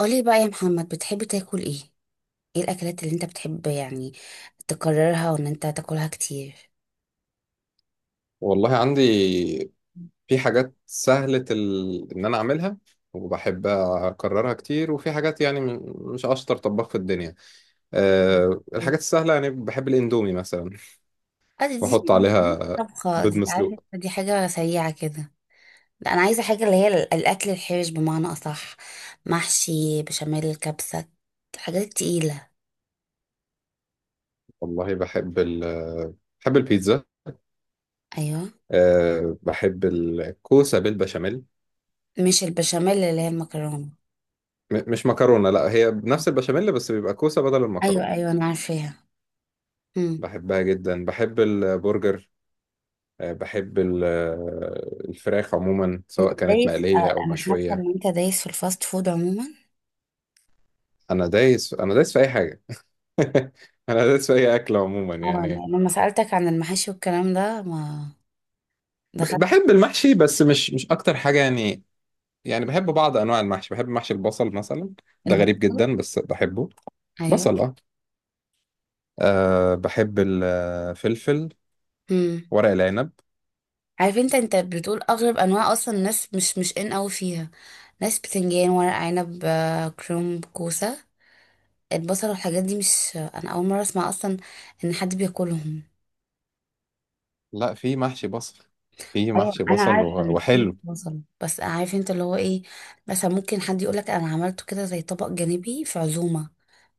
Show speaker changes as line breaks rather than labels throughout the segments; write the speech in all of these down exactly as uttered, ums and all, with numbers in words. قولي بقى يا محمد، بتحب تاكل ايه؟ ايه الاكلات اللي انت بتحب يعني تكررها وان انت تاكلها كتير؟
والله عندي في حاجات سهلة ال... إن أنا أعملها وبحب أكررها كتير، وفي حاجات يعني م- مش أشطر طباخ في الدنيا. أه، الحاجات السهلة يعني بحب الإندومي مثلا
اه دي
وأحط
دي دي
عليها
طبخة،
بيض
دي عارفة
مسلوق.
دي حاجة سريعة كده. لا انا عايزة حاجة اللي هي ال- الاكل الحرش بمعنى اصح، محشي بشاميل كبسة، الحاجات التقيلة.
والله بحب ال... بحب البيتزا.
ايوه،
أه بحب الكوسة بالبشاميل.
مش البشاميل اللي هي المكرونة؟
م... مش مكرونة، لا، هي بنفس البشاميل بس بيبقى كوسة بدل
ايوه
المكرونة.
ايوه انا عارفاها. امم.
بحبها جدا. بحب البرجر. أه بحب ال- الفراخ عموما
انت
سواء كانت
دايس
مقلية
آه،
أو
انا حاسة
مشوية.
ان انت دايس في الفاست فود عموما.
انا دايس، انا دايس في اي حاجه. انا دايس في اي اكل عموما
اه
يعني.
لما سألتك عن المحاشي والكلام ده ما
ب-
دخلت
بحب المحشي بس مش مش اكتر حاجه يعني. يعني بحب بعض انواع المحشي، بحب محشي البصل مثلا. ده غريب
البيضة.
جدا بس بحبه.
ايوه.
بصل، اه. أه بحب الفلفل،
امم.
ورق العنب.
عارف انت، انت بتقول اغرب انواع، اصلا الناس مش مش ان اوي فيها. ناس بتنجان، ورق عنب آه، كرنب، كوسه، البصل والحاجات دي مش، انا اول مره اسمع اصلا ان حد بياكلهم.
لا، في محشي بصل. في
ايوه
محشي
انا
بصل
عارفه
و-
ان في ناس
وحلو.
بصل، بس عارف انت اللي هو ايه؟ مثلا ممكن حد يقولك انا عملته كده زي طبق جانبي في عزومه،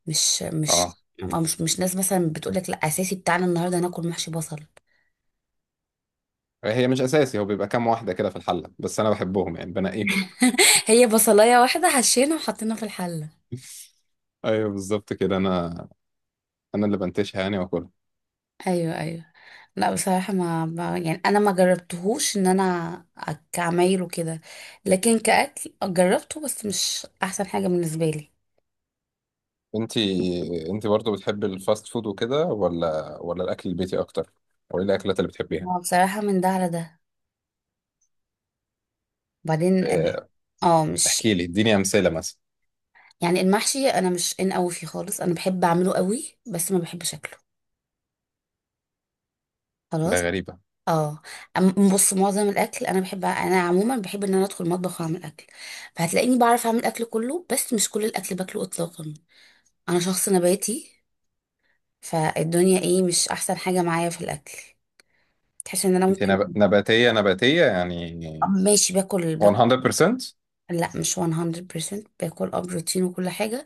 مش
اه،
مش أو مش مش ناس مثلا بتقولك لا، اساسي بتاعنا النهارده ناكل محشي بصل.
هي مش اساسي، هو بيبقى كام واحده كده في الحله بس انا بحبهم يعني بنقيهم.
هي بصلايه واحده حشينا وحطينا في الحله.
ايوه بالظبط كده. انا انا اللي بنتشها يعني واكلها.
ايوه ايوه. لا بصراحه، ما ما- يعني انا ما جربتهوش ان انا أك- كعمايل وكده، لكن كاكل جربته بس مش احسن حاجه بالنسبه لي.
انت، انت برضه بتحبي الفاست فود وكده، ولا ولا الاكل البيتي اكتر؟ او ايه الاكلات اللي بتحبيها؟
هو بصراحه من ده على ده، وبعدين اه،
اه،
آه، مش
احكي لي، اديني امثله مثلا.
يعني المحشي انا مش ان قوي فيه خالص، انا بحب اعمله قوي بس ما بحبش اكله، خلاص.
ده غريبه.
اه. أم- بص، معظم الاكل انا بحب، انا عموما بحب ان انا ادخل المطبخ واعمل اكل، فهتلاقيني بعرف اعمل اكل كله بس مش كل الاكل باكله اطلاقا. انا شخص نباتي، فالدنيا ايه مش احسن حاجة معايا في الاكل. تحس ان انا
انت
ممكن
نب... نباتيه؟ نباتيه يعني
آه، ماشي باكل باكل.
مية في المية؟
لا مش مية في المية باكل اه بروتين وكل حاجة،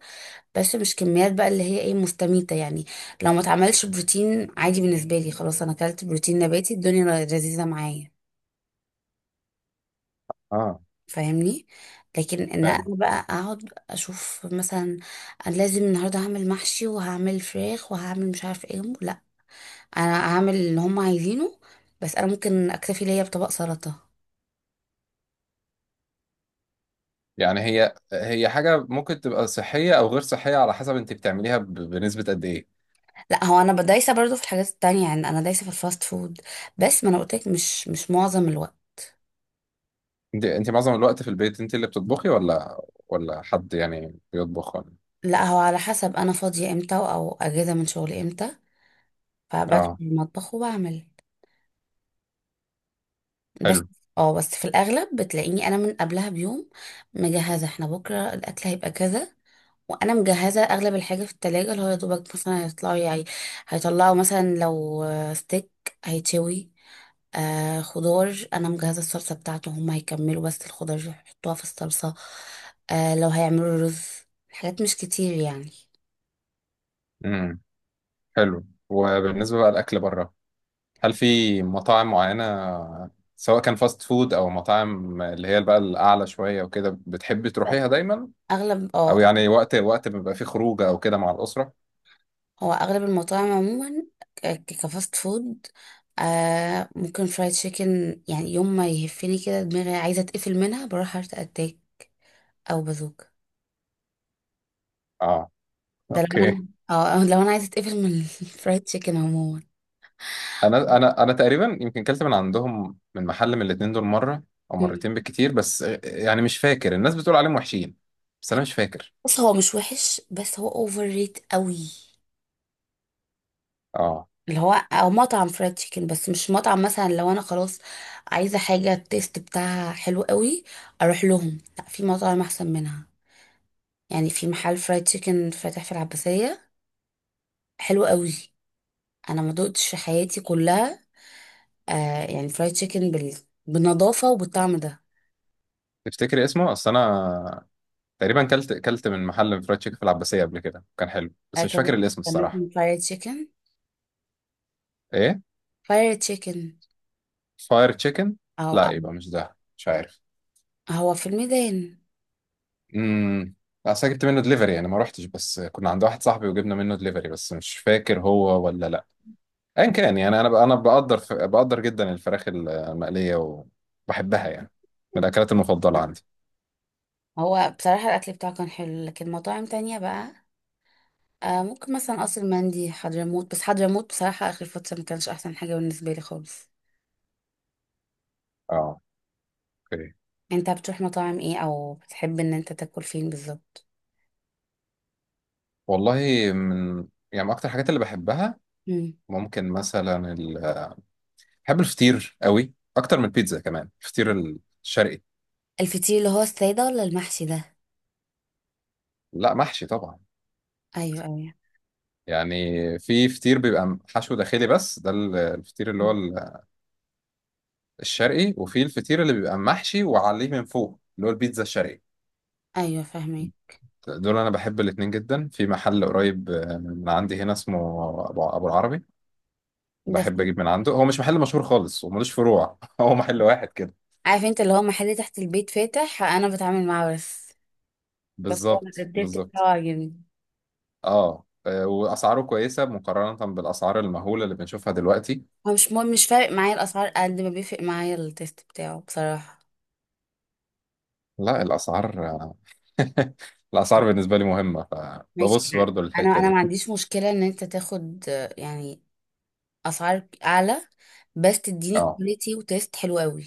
بس مش كميات بقى اللي هي ايه، مستميتة يعني. لو ما اتعملش بروتين عادي بالنسبة لي، خلاص انا اكلت بروتين نباتي، الدنيا لذيذة معايا.
اه
فاهمني. لكن ان انا
فاهم.
بقى اقعد اشوف مثلا، انا لازم النهارده هعمل محشي وهعمل فراخ وهعمل مش عارف ايه، لا. انا هعمل اللي هم عايزينه بس انا ممكن اكتفي ليا بطبق سلطة.
يعني هي، هي حاجه ممكن تبقى صحيه او غير صحيه على حسب انت بتعمليها ب... بنسبه قد ايه.
لا هو انا دايسه برضو في الحاجات التانية، يعني انا دايسه في الفاست فود بس ما انا قلت لك، مش مش معظم الوقت.
انت، انت معظم الوقت في البيت انت اللي بتطبخي، ولا ولا حد يعني بيطبخ؟ ولا
لا هو على حسب انا فاضيه امتى او اجازه من شغلي امتى، فبدخل
اه.
المطبخ وبعمل. بس.
حلو.
اه، بس في الاغلب بتلاقيني انا من قبلها بيوم مجهزه، احنا بكره الاكل هيبقى كذا، وانا مجهزه اغلب الحاجه في التلاجة، اللي هو يا دوبك مثلا هيطلعوا يعني، هيطلعوا مثلا لو ستيك هيتشوي، آه خضار انا مجهزه الصلصه بتاعته، هم هيكملوا بس الخضار يحطوها في الصلصه، آه لو هيعملوا رز، حاجات مش كتير يعني.
امم. حلو. وبالنسبه بقى الاكل بره، هل في مطاعم معينة، سواء كان فاست فود أو مطاعم اللي هي بقى الأعلى شوية وكده بتحبي تروحيها دايما؟
اغلب اه،
أو يعني وقت، وقت بيبقى فيه خروجة أو كده مع الأسرة؟
هو اغلب المطاعم عموما ك- كفاست فود، آه ممكن فرايد تشيكن. يعني يوم ما يهفني كده دماغي عايزه اتقفل منها بروح هارت اتاك او بازوكا.
آه.
ده لو
أوكي.
انا اه أو لو انا عايزه اتقفل من الفرايد تشيكن عموما.
أنا أنا أنا تقريبا يمكن كلت من عندهم، من محل من الاتنين دول مرة أو
مم.
مرتين بالكتير، بس يعني مش فاكر. الناس بتقول عليهم وحشين بس أنا مش فاكر.
بص هو مش وحش بس هو اوفر ريت قوي،
آه.
اللي هو او مطعم فرايد تشيكن بس مش مطعم. مثلا لو انا خلاص عايزه حاجه التيست بتاعها حلو قوي اروح لهم، لا في مطاعم احسن منها. يعني في محل فرايد تشيكن فاتح في العباسيه حلو قوي، انا ما دقتش في حياتي كلها آه، يعني فرايد تشيكن بال... بالنظافه وبالطعم ده.
تفتكري اسمه؟ أصل أنا تقريبا كلت كلت من محل فرايد تشيكن في العباسية قبل كده، كان حلو بس مش فاكر
هكذا،
الاسم
كان
الصراحة.
اسمه فرايد تشيكن.
إيه؟
فرايد تشيكن،
فاير تشيكن؟
او
لا
أو-
يبقى مش ده، مش عارف.
هو في الميدان.
امم. اصل أنا جبت منه دليفري يعني، ما روحتش، بس كنا عند واحد صاحبي وجبنا منه دليفري، بس مش فاكر هو ولا لا. ايا كان يعني، انا ب- انا بقدر ف... بقدر جدا الفراخ المقليه وبحبها يعني، من الاكلات المفضله عندي.
هو بصراحه الاكل بتاعه كان حلو لكن مطاعم تانية بقى. آه ممكن مثلا قصر مندي حضرموت، بس حضرموت بصراحة آخر فترة ما كانش أحسن حاجة بالنسبة لي خالص.
اه. اوكي.
انت بتروح مطاعم ايه، او بتحب ان انت تاكل فين بالظبط؟
والله من يعني، من اكتر الحاجات اللي بحبها،
مم.
ممكن مثلا ال... بحب الفطير قوي اكتر من البيتزا. كمان الفطير الشرقي.
الفطير اللي هو السادة ولا المحشي ده؟
لا محشي طبعا.
ايوه ايوه.
يعني في فطير بيبقى حشو داخلي بس، ده ال- الفطير اللي هو
مم.
ال- الشرقي، وفي الفطير اللي بيبقى محشي وعليه من فوق، اللي هو البيتزا الشرقي.
ايوه فاهمه.
دول انا بحب الاتنين جدا. في محل قريب من عندي هنا اسمه ابو، أبو العربي.
ده
بحب
في؟
اجيب من عنده. هو مش محل مشهور خالص وملوش فروع. هو محل واحد كده.
عارف انت اللي هو محل تحت البيت فاتح انا بتعامل معاه بس. بس هو أنا
بالظبط،
التيست
بالظبط.
بتاعه عاجبني.
اه. آه، واسعاره كويسه مقارنه بالاسعار المهوله اللي بنشوفها دلوقتي.
هو مش مهم، مش فارق معايا الاسعار قد ما بيفرق معايا التيست بتاعه بصراحة.
لا الاسعار، الاسعار بالنسبه لي مهمه،
ماشي.
فببص
مم.
برضو
انا
للحته
انا ما
دي.
عنديش مشكلة ان انت تاخد آه، يعني اسعار اعلى بس تديني
اه،
كواليتي وتيست حلو قوي.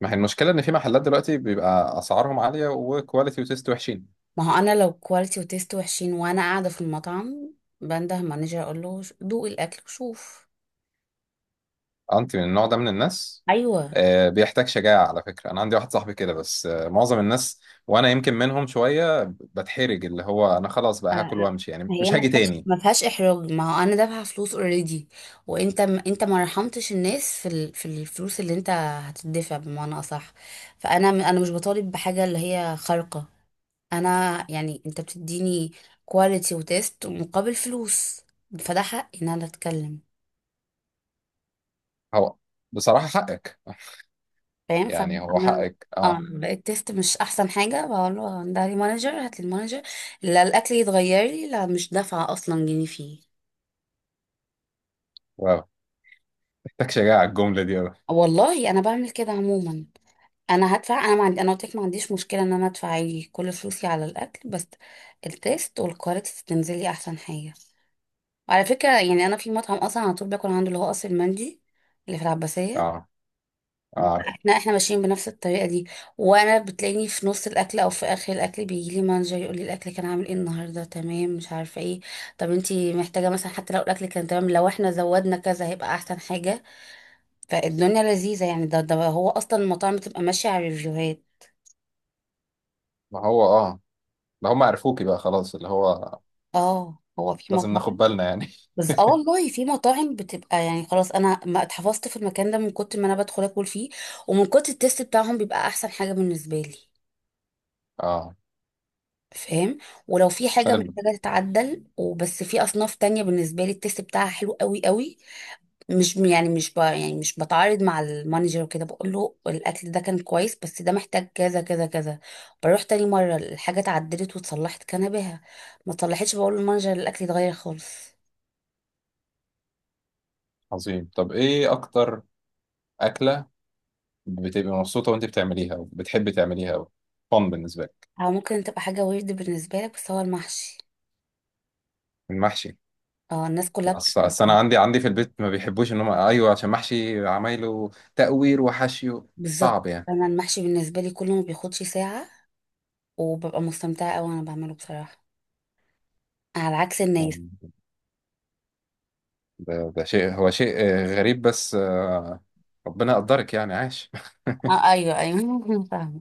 ما هي المشكلة إن في محلات دلوقتي بيبقى أسعارهم عالية وكواليتي وتيست وحشين.
ما هو انا لو كواليتي وتيست وحشين وانا قاعده في المطعم بنده مانجر اقول له، "ش- دوق الاكل وشوف".
أنت من النوع ده من الناس؟
ايوه.
آه، بيحتاج شجاعة على فكرة. أنا عندي واحد صاحبي كده بس آه، معظم الناس، وأنا يمكن منهم شوية، بتحرج، اللي هو أنا خلاص بقى هاكل
آه،
وأمشي يعني،
هي
مش
ما
هاجي
فيهاش
تاني.
ما فيهاش احراج، ما هو انا دافعه فلوس اوريدي، وانت م- انت ما رحمتش الناس في ال... في الفلوس اللي انت هتدفع بمعنى اصح، فانا م- انا مش بطالب بحاجه اللي هي خارقه، انا يعني انت بتديني كواليتي وتيست مقابل فلوس، فده حقي ان انا اتكلم.
هو بصراحة حقك.
فاهم؟
يعني هو
فانا
حقك،
اه
أه.
لقيت تيست مش احسن حاجه بقول له، ده لي مانجر، هات لي المانجر، لا الاكل يتغير لي لا مش دافعه اصلا جنيه فيه.
واو، محتاج شجاعة الجملة دي أوي.
والله انا بعمل كده عموما، انا هدفع، انا ما عندي، انا قلت لك ما عنديش مشكله ان انا ادفع عادي كل فلوسي على الاكل، بس التيست والكواليتي تنزل لي احسن حاجه. وعلى فكره يعني انا في مطعم اصلا على طول باكل عنده اللي هو قصر المندي اللي في العباسيه.
أه، أعرف.
لا احنا ماشيين بنفس الطريقه دي، وانا بتلاقيني في نص الاكل او في اخر الاكل بيجي لي مانجر يقول لي، الاكل كان عامل ايه النهارده، تمام، مش عارفه ايه، طب انتي محتاجه مثلا حتى لو الاكل كان تمام لو احنا زودنا كذا هيبقى احسن حاجه. فالدنيا لذيذه يعني، ده ده هو اصلا المطاعم بتبقى ماشيه على الريفيوهات.
ما هو أه، ما هم عرفوكي بقى خلاص اللي هو،
اه هو في
لازم ناخد
مطاعم.
بالنا يعني.
بس اه والله في مطاعم بتبقى يعني خلاص انا ما اتحفظت في المكان ده من كتر ما انا بدخل اكل فيه، ومن كتر التست بتاعهم بيبقى احسن حاجه بالنسبه لي.
أه.
فاهم؟ ولو في حاجة
حلو.
محتاجة تتعدل، وبس في أصناف تانية بالنسبة لي التست بتاعها حلو قوي قوي. مش يعني مش ب... يعني مش بتعارض مع المانجر وكده، بقول له الأكل ده كان كويس بس ده محتاج كذا كذا كذا. بروح تاني مرة الحاجة اتعدلت واتصلحت كان بها، ما اتصلحتش بقول للمانجر الأكل اتغير خالص.
عظيم. طب إيه أكتر أكلة بتبقي مبسوطة وأنت بتعمليها وبتحبي تعمليها أوي، فن بالنسبة لك؟
أو ممكن تبقى حاجة ويرد بالنسبة لك، بس هو المحشي.
المحشي؟
اه الناس كلها
أصل،
بتكره.
أصل أنا عندي، عندي في البيت ما بيحبوش إن هم أيوه عشان محشي، عمايله تقوير وحشيه
بالظبط.
صعب يعني.
أنا المحشي بالنسبة لي كله ما بياخدش ساعة، وببقى مستمتعة أوي وأنا بعمله بصراحة، على عكس الناس.
ده، ده شيء، هو شيء آه، غريب بس آه، ربنا يقدرك يعني، عاش.
اه ايوه ايوه فاهمه.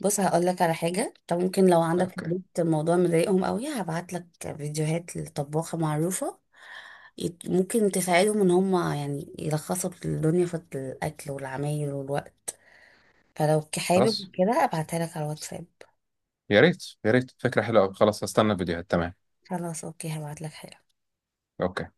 بص هقول لك على حاجه، طب ممكن لو عندك في
أوكي.
البيت الموضوع مضايقهم قوي هبعت لك فيديوهات لطباخه معروفه، يت- ممكن تساعدهم ان هم يعني يلخصوا الدنيا في الاكل والعمايل والوقت. فلو ك-
خلاص،
حابب كده ابعتها لك على الواتساب.
يا ريت يا ريت، فكرة حلوة أوي، خلاص هستنى الفيديوهات، تمام.
خلاص اوكي هبعت لك حاجه.
أوكي.